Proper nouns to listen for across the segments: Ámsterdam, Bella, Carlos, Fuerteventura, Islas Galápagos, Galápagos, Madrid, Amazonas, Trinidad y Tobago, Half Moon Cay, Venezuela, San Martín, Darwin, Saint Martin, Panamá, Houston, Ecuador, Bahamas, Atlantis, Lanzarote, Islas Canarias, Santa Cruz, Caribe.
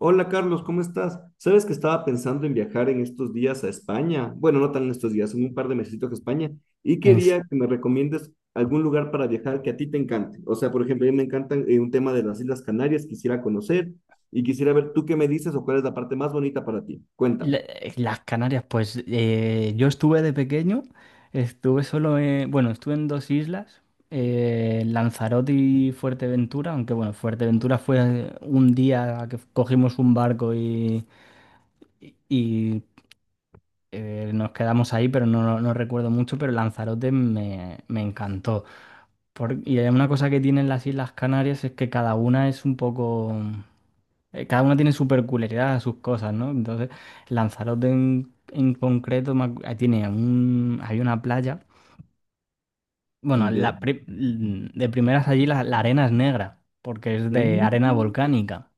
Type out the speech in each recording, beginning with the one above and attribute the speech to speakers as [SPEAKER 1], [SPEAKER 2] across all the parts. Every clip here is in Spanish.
[SPEAKER 1] Hola, Carlos, ¿cómo estás? Sabes que estaba pensando en viajar en estos días a España. Bueno, no tan en estos días, en un par de mesecitos a España. Y
[SPEAKER 2] En s-
[SPEAKER 1] quería que me recomiendes algún lugar para viajar que a ti te encante. O sea, por ejemplo, a mí me encantan un tema de las Islas Canarias, quisiera conocer y quisiera ver tú qué me dices o cuál es la parte más bonita para ti. Cuéntame.
[SPEAKER 2] las Canarias, pues yo estuve de pequeño, estuve solo en, bueno, estuve en dos islas, Lanzarote y Fuerteventura, aunque bueno, Fuerteventura fue un día que cogimos un barco y nos quedamos ahí, pero no, no recuerdo mucho, pero Lanzarote me encantó. Y hay una cosa que tienen las Islas Canarias, es que cada una es un poco... cada una tiene su peculiaridad, sus cosas, ¿no? Entonces, Lanzarote en concreto tiene un, hay una playa. Bueno,
[SPEAKER 1] ¿Ya?
[SPEAKER 2] la pri- de primeras allí la arena es negra, porque es de arena volcánica.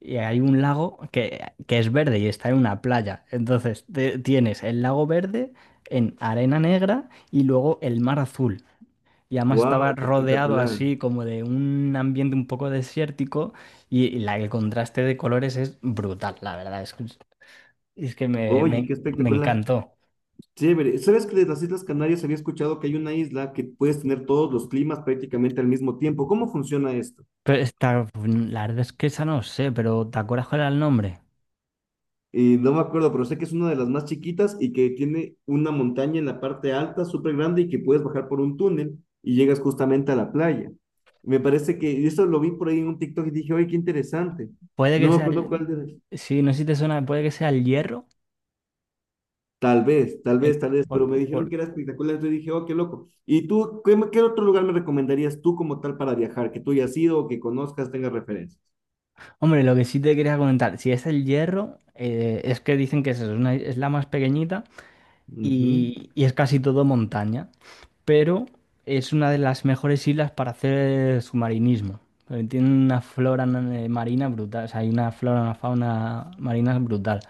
[SPEAKER 2] Y hay un lago que es verde y está en una playa. Entonces, tienes el lago verde en arena negra y luego el mar azul. Y además estaba
[SPEAKER 1] Wow, qué
[SPEAKER 2] rodeado
[SPEAKER 1] espectacular.
[SPEAKER 2] así como de un ambiente un poco desértico y el contraste de colores es brutal, la verdad. Es que me,
[SPEAKER 1] Oye, qué
[SPEAKER 2] me- me
[SPEAKER 1] espectacular.
[SPEAKER 2] encantó.
[SPEAKER 1] Chévere. ¿Sabes que de las Islas Canarias había escuchado que hay una isla que puedes tener todos los climas prácticamente al mismo tiempo? ¿Cómo funciona esto?
[SPEAKER 2] Pero esta, la verdad es que esa no sé, pero ¿te acuerdas cuál era el nombre?
[SPEAKER 1] Y no me acuerdo, pero sé que es una de las más chiquitas y que tiene una montaña en la parte alta, súper grande, y que puedes bajar por un túnel y llegas justamente a la playa. Me parece que y eso lo vi por ahí en un TikTok y dije, oye, qué interesante.
[SPEAKER 2] Puede
[SPEAKER 1] No
[SPEAKER 2] que
[SPEAKER 1] me
[SPEAKER 2] sea
[SPEAKER 1] acuerdo
[SPEAKER 2] el...
[SPEAKER 1] cuál de.
[SPEAKER 2] Sí, no sé si te suena, puede que sea el Hierro.
[SPEAKER 1] Tal vez, tal
[SPEAKER 2] El-
[SPEAKER 1] vez, tal vez, pero me
[SPEAKER 2] por-
[SPEAKER 1] dijeron
[SPEAKER 2] por-
[SPEAKER 1] que era espectacular, entonces dije, oh, qué loco. ¿Y tú, qué otro lugar me recomendarías tú como tal para viajar, que tú hayas ido o que conozcas, tengas referencias?
[SPEAKER 2] Hombre, lo que sí te quería comentar, si es el Hierro, es que dicen que es, es la más pequeñita
[SPEAKER 1] Ujú,
[SPEAKER 2] y es casi todo montaña. Pero es una de las mejores islas para hacer submarinismo, porque tiene una flora marina brutal, o sea, hay una flora, una fauna marina brutal.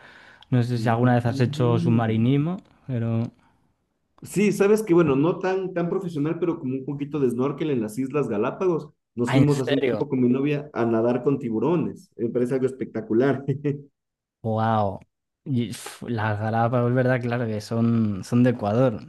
[SPEAKER 2] No sé si
[SPEAKER 1] ujú,
[SPEAKER 2] alguna vez has hecho
[SPEAKER 1] ujú.
[SPEAKER 2] submarinismo, pero...
[SPEAKER 1] Sí, sabes que, bueno, no tan, tan profesional, pero como un poquito de snorkel en las Islas Galápagos. Nos
[SPEAKER 2] Ah, ¿en
[SPEAKER 1] fuimos hace un
[SPEAKER 2] serio?
[SPEAKER 1] tiempo con mi novia a nadar con tiburones. Me parece algo espectacular.
[SPEAKER 2] ¡Wow! Y, pf, las Galápagos, verdad, claro que son, son de Ecuador.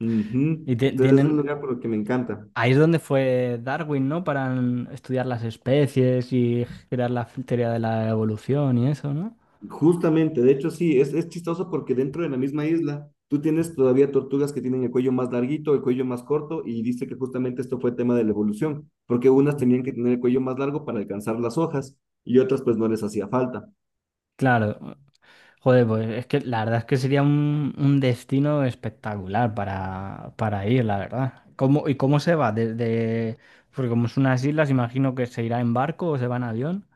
[SPEAKER 1] Ujú.
[SPEAKER 2] Y
[SPEAKER 1] Entonces es un
[SPEAKER 2] tienen...
[SPEAKER 1] lugar por el que me encanta.
[SPEAKER 2] Ahí es donde fue Darwin, ¿no? Para estudiar las especies y crear la teoría de la evolución y eso, ¿no?
[SPEAKER 1] Justamente, de hecho sí, es chistoso porque dentro de la misma isla tú tienes todavía tortugas que tienen el cuello más larguito, el cuello más corto y dice que justamente esto fue tema de la evolución, porque unas tenían que tener el cuello más largo para alcanzar las hojas y otras pues no les hacía falta.
[SPEAKER 2] Claro. Joder, pues es que la verdad es que sería un destino espectacular para ir, la verdad. ¿Cómo, y cómo se va? Desde, porque como son unas islas, imagino que se irá en barco o se va en avión.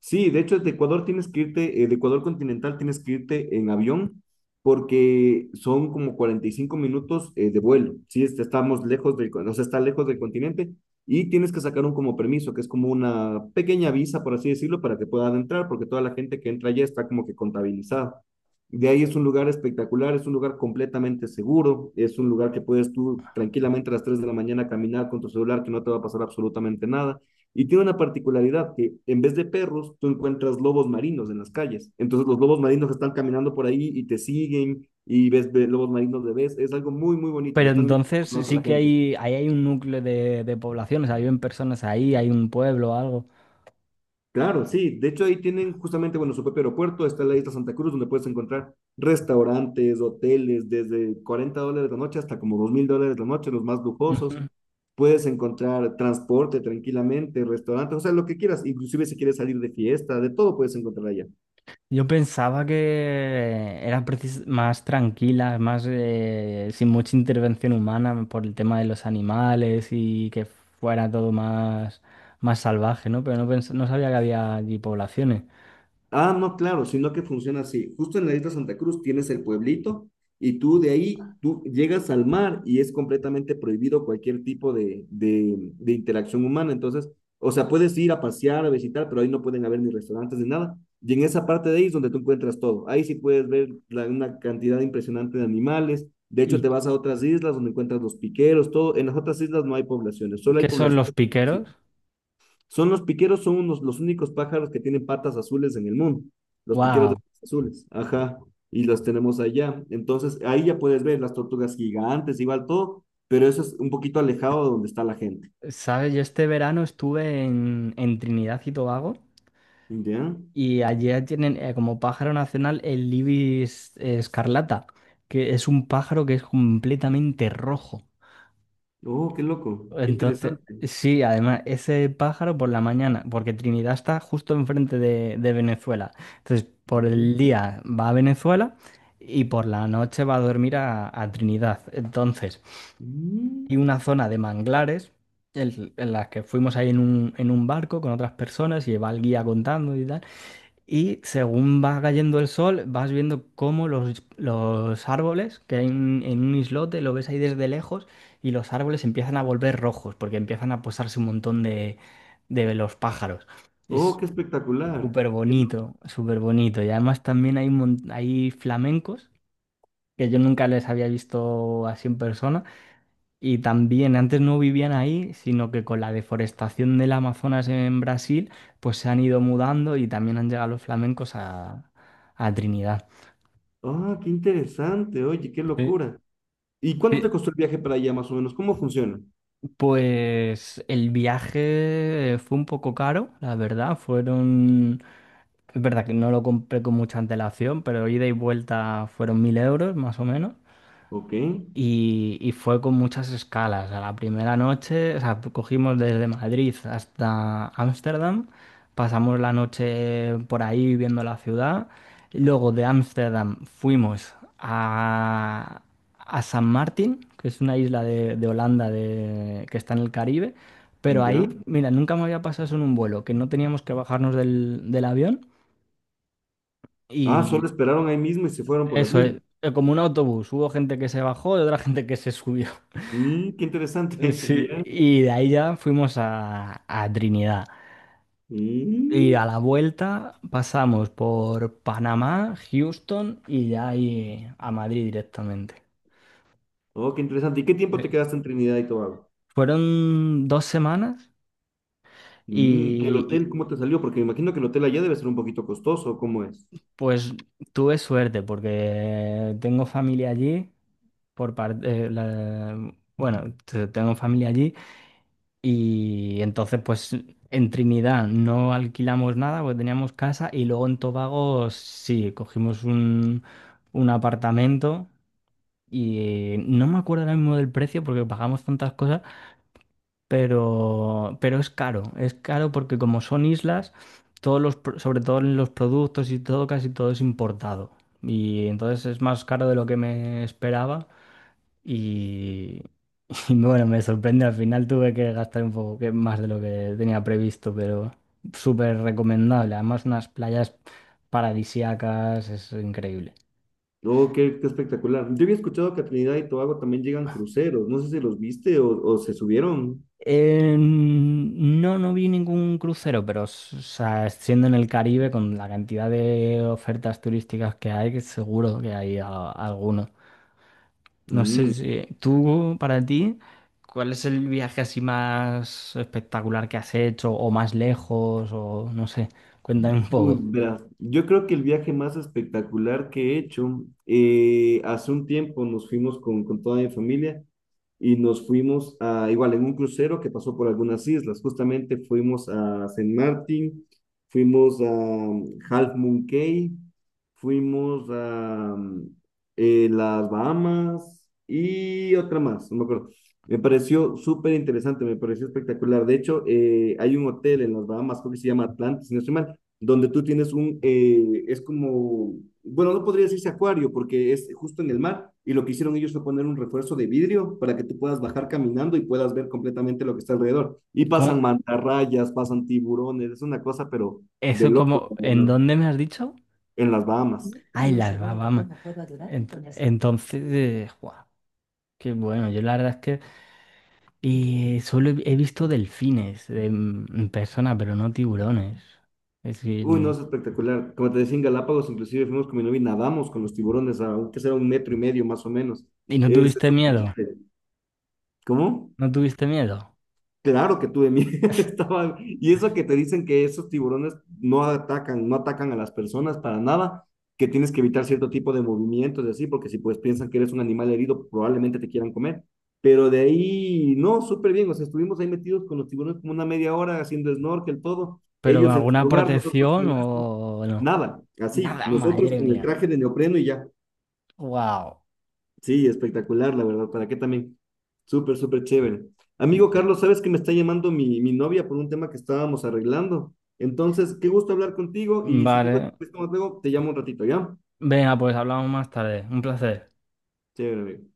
[SPEAKER 1] Sí, de hecho, de Ecuador tienes que irte, de Ecuador continental tienes que irte en avión porque son como 45 minutos de vuelo. Sí, este, estamos lejos del, o sea, está lejos del continente y tienes que sacar un como permiso, que es como una pequeña visa, por así decirlo, para que puedan entrar, porque toda la gente que entra allá está como que contabilizada. De ahí es un lugar espectacular, es un lugar completamente seguro, es un lugar que puedes tú tranquilamente a las 3 de la mañana caminar con tu celular, que no te va a pasar absolutamente nada. Y tiene una particularidad que en vez de perros, tú encuentras lobos marinos en las calles. Entonces los lobos marinos están caminando por ahí y te siguen y lobos marinos de vez. Es algo muy, muy bonito.
[SPEAKER 2] Pero
[SPEAKER 1] Están muy
[SPEAKER 2] entonces sí
[SPEAKER 1] acostumbrados a la
[SPEAKER 2] que
[SPEAKER 1] gente.
[SPEAKER 2] hay, ahí hay un núcleo de población, o sea, viven personas ahí, hay un pueblo o algo.
[SPEAKER 1] Claro, sí. De hecho, ahí tienen justamente, bueno, su propio aeropuerto. Está en la isla Santa Cruz, donde puedes encontrar restaurantes, hoteles, desde 40 dólares la noche hasta como 2.000 dólares la noche, los más lujosos. Puedes encontrar transporte tranquilamente, restaurantes, o sea, lo que quieras. Inclusive si quieres salir de fiesta, de todo puedes encontrar allá.
[SPEAKER 2] Yo pensaba que eran más tranquilas, más sin mucha intervención humana por el tema de los animales y que fuera todo más, más salvaje, ¿no? Pero no, no sabía que había allí poblaciones.
[SPEAKER 1] Ah, no, claro, sino que funciona así. Justo en la isla Santa Cruz tienes el pueblito y tú de ahí, tú llegas al mar y es completamente prohibido cualquier tipo de interacción humana. Entonces, o sea, puedes ir a pasear, a visitar, pero ahí no pueden haber ni restaurantes ni nada. Y en esa parte de ahí es donde tú encuentras todo. Ahí sí puedes ver una cantidad impresionante de animales. De hecho,
[SPEAKER 2] ¿Y
[SPEAKER 1] te vas a otras islas donde encuentras los piqueros, todo. En las otras islas no hay poblaciones, solo hay
[SPEAKER 2] qué son los
[SPEAKER 1] poblaciones.
[SPEAKER 2] piqueros?
[SPEAKER 1] Son los piqueros, son unos, los únicos pájaros que tienen patas azules en el mundo. Los piqueros de
[SPEAKER 2] ¡Wow!
[SPEAKER 1] patas azules. Ajá. Y los tenemos allá. Entonces, ahí ya puedes ver las tortugas gigantes, igual todo, pero eso es un poquito alejado de donde está la gente.
[SPEAKER 2] ¿Sabes? Yo este verano estuve en Trinidad y Tobago
[SPEAKER 1] ¿Ya?
[SPEAKER 2] y allí tienen como pájaro nacional el ibis escarlata, que es un pájaro que es completamente rojo.
[SPEAKER 1] Oh, qué loco. Qué
[SPEAKER 2] Entonces,
[SPEAKER 1] interesante.
[SPEAKER 2] sí, además, ese pájaro por la mañana, porque Trinidad está justo enfrente de Venezuela. Entonces, por
[SPEAKER 1] Ujú.
[SPEAKER 2] el día va a Venezuela y por la noche va a dormir a Trinidad. Entonces,
[SPEAKER 1] Mm.
[SPEAKER 2] y una zona de manglares en las que fuimos ahí en un barco con otras personas, y va el guía contando y tal. Y según va cayendo el sol, vas viendo cómo los árboles, que hay en un islote, lo ves ahí desde lejos, y los árboles empiezan a volver rojos, porque empiezan a posarse un montón de los pájaros.
[SPEAKER 1] Oh,
[SPEAKER 2] Es
[SPEAKER 1] qué espectacular.
[SPEAKER 2] súper bonito, súper bonito. Y además también hay, hay flamencos, que yo nunca les había visto así en persona, y también antes no vivían ahí, sino que con la deforestación del Amazonas en Brasil, pues se han ido mudando y también han llegado los flamencos a Trinidad.
[SPEAKER 1] Ah, qué interesante. Oye, qué
[SPEAKER 2] Sí.
[SPEAKER 1] locura. ¿Y cuánto
[SPEAKER 2] Sí,
[SPEAKER 1] te costó el viaje para allá, más o menos? ¿Cómo funciona?
[SPEAKER 2] pues el viaje fue un poco caro, la verdad. Fueron, es verdad que no lo compré con mucha antelación, pero ida y vuelta fueron 1.000 euros más o menos.
[SPEAKER 1] Ok.
[SPEAKER 2] Y fue con muchas escalas. A la primera noche, o sea, cogimos desde Madrid hasta Ámsterdam, pasamos la noche por ahí viendo la ciudad. Luego de Ámsterdam fuimos a San Martín, que es una isla de Holanda que está en el Caribe. Pero ahí,
[SPEAKER 1] Ya.
[SPEAKER 2] mira, nunca me había pasado eso en un vuelo, que no teníamos que bajarnos del, del avión.
[SPEAKER 1] Ah,
[SPEAKER 2] Y
[SPEAKER 1] solo esperaron ahí mismo y se fueron por las
[SPEAKER 2] eso
[SPEAKER 1] mismas.
[SPEAKER 2] es, como un autobús, hubo gente que se bajó y otra gente que se subió.
[SPEAKER 1] Mm, qué interesante.
[SPEAKER 2] Sí,
[SPEAKER 1] Ya.
[SPEAKER 2] y de ahí ya fuimos a Trinidad. Y a
[SPEAKER 1] Mm.
[SPEAKER 2] la vuelta pasamos por Panamá, Houston y ya ahí a Madrid directamente.
[SPEAKER 1] Oh, qué interesante. ¿Y qué tiempo
[SPEAKER 2] Sí.
[SPEAKER 1] te quedaste en Trinidad y Tobago?
[SPEAKER 2] Fueron dos semanas
[SPEAKER 1] Mm, ¿y el
[SPEAKER 2] y, y,
[SPEAKER 1] hotel cómo te salió? Porque me imagino que el hotel allá debe ser un poquito costoso. ¿Cómo es?
[SPEAKER 2] pues tuve suerte porque tengo familia allí, por parte, bueno, tengo familia allí. Y entonces, pues en Trinidad no alquilamos nada porque teníamos casa, y luego en Tobago sí, cogimos un apartamento y no me acuerdo ahora mismo del precio porque pagamos tantas cosas, pero es caro porque como son islas, todos los, sobre todo en los productos y todo, casi todo es importado. Y entonces es más caro de lo que me esperaba. Y, y bueno, me sorprende, al final tuve que gastar un poco más de lo que tenía previsto, pero súper recomendable. Además, unas playas paradisíacas, es increíble.
[SPEAKER 1] Oh, qué, qué espectacular. Yo había escuchado que a Trinidad y Tobago también llegan cruceros. No sé si los viste o se subieron.
[SPEAKER 2] No, no vi ningún crucero, pero o sea, siendo en el Caribe, con la cantidad de ofertas turísticas que hay, que seguro que hay alguno. No sé
[SPEAKER 1] Mm.
[SPEAKER 2] si tú, para ti, ¿cuál es el viaje así más espectacular que has hecho o más lejos o no sé? Cuéntame un
[SPEAKER 1] Uy,
[SPEAKER 2] poco.
[SPEAKER 1] verás, yo creo que el viaje más espectacular que he hecho, hace un tiempo nos fuimos con toda mi familia y nos fuimos a, igual en un crucero que pasó por algunas islas, justamente fuimos a Saint Martin, fuimos a Half Moon Cay, fuimos a las Bahamas y otra más, no me acuerdo. Me pareció súper interesante, me pareció espectacular. De hecho, hay un hotel en las Bahamas, creo que se llama Atlantis, si no estoy mal, donde tú tienes un, es como, bueno, no podría decirse acuario porque es justo en el mar y lo que hicieron ellos fue poner un refuerzo de vidrio para que tú puedas bajar caminando y puedas ver completamente lo que está alrededor. Y pasan
[SPEAKER 2] ¿Cómo?
[SPEAKER 1] mantarrayas, pasan tiburones, es una cosa, pero de
[SPEAKER 2] Eso,
[SPEAKER 1] loco,
[SPEAKER 2] como,
[SPEAKER 1] la
[SPEAKER 2] en
[SPEAKER 1] verdad,
[SPEAKER 2] dónde me has dicho?
[SPEAKER 1] en las Bahamas.
[SPEAKER 2] Ah, en Bahamas. Entonces, guau, qué bueno. Yo la verdad es que, y solo he visto delfines en persona, pero no tiburones. Es
[SPEAKER 1] Uy, no,
[SPEAKER 2] decir,
[SPEAKER 1] es espectacular. Como te decía, en Galápagos inclusive fuimos con mi novia y nadamos con los tiburones, aunque será un metro y medio más o menos.
[SPEAKER 2] ¿y no
[SPEAKER 1] Es
[SPEAKER 2] tuviste
[SPEAKER 1] súper
[SPEAKER 2] miedo?
[SPEAKER 1] chévere. ¿Cómo?
[SPEAKER 2] ¿No tuviste miedo?
[SPEAKER 1] Claro que tuve miedo, estaba, y eso que te dicen que esos tiburones no atacan, no atacan a las personas para nada, que tienes que evitar cierto tipo de movimientos y así, porque si pues piensan que eres un animal herido, probablemente te quieran comer. Pero de ahí, no, súper bien, o sea, estuvimos ahí metidos con los tiburones como una media hora haciendo snorkel, todo,
[SPEAKER 2] ¿Pero con
[SPEAKER 1] ellos en su
[SPEAKER 2] alguna
[SPEAKER 1] lugar, nosotros
[SPEAKER 2] protección
[SPEAKER 1] en el nuestro,
[SPEAKER 2] o no?
[SPEAKER 1] nada, así,
[SPEAKER 2] Nada,
[SPEAKER 1] nosotros
[SPEAKER 2] madre
[SPEAKER 1] con el
[SPEAKER 2] mía.
[SPEAKER 1] traje de neopreno y ya.
[SPEAKER 2] Wow.
[SPEAKER 1] Sí, espectacular, la verdad. ¿Para qué también? Súper, súper chévere. Amigo Carlos, sabes que me está llamando mi novia por un tema que estábamos arreglando. Entonces, qué gusto hablar contigo y si tengo
[SPEAKER 2] Vale.
[SPEAKER 1] tiempo luego, te llamo un ratito, ¿ya?
[SPEAKER 2] Venga, pues hablamos más tarde. Un placer.
[SPEAKER 1] Chévere, amigo.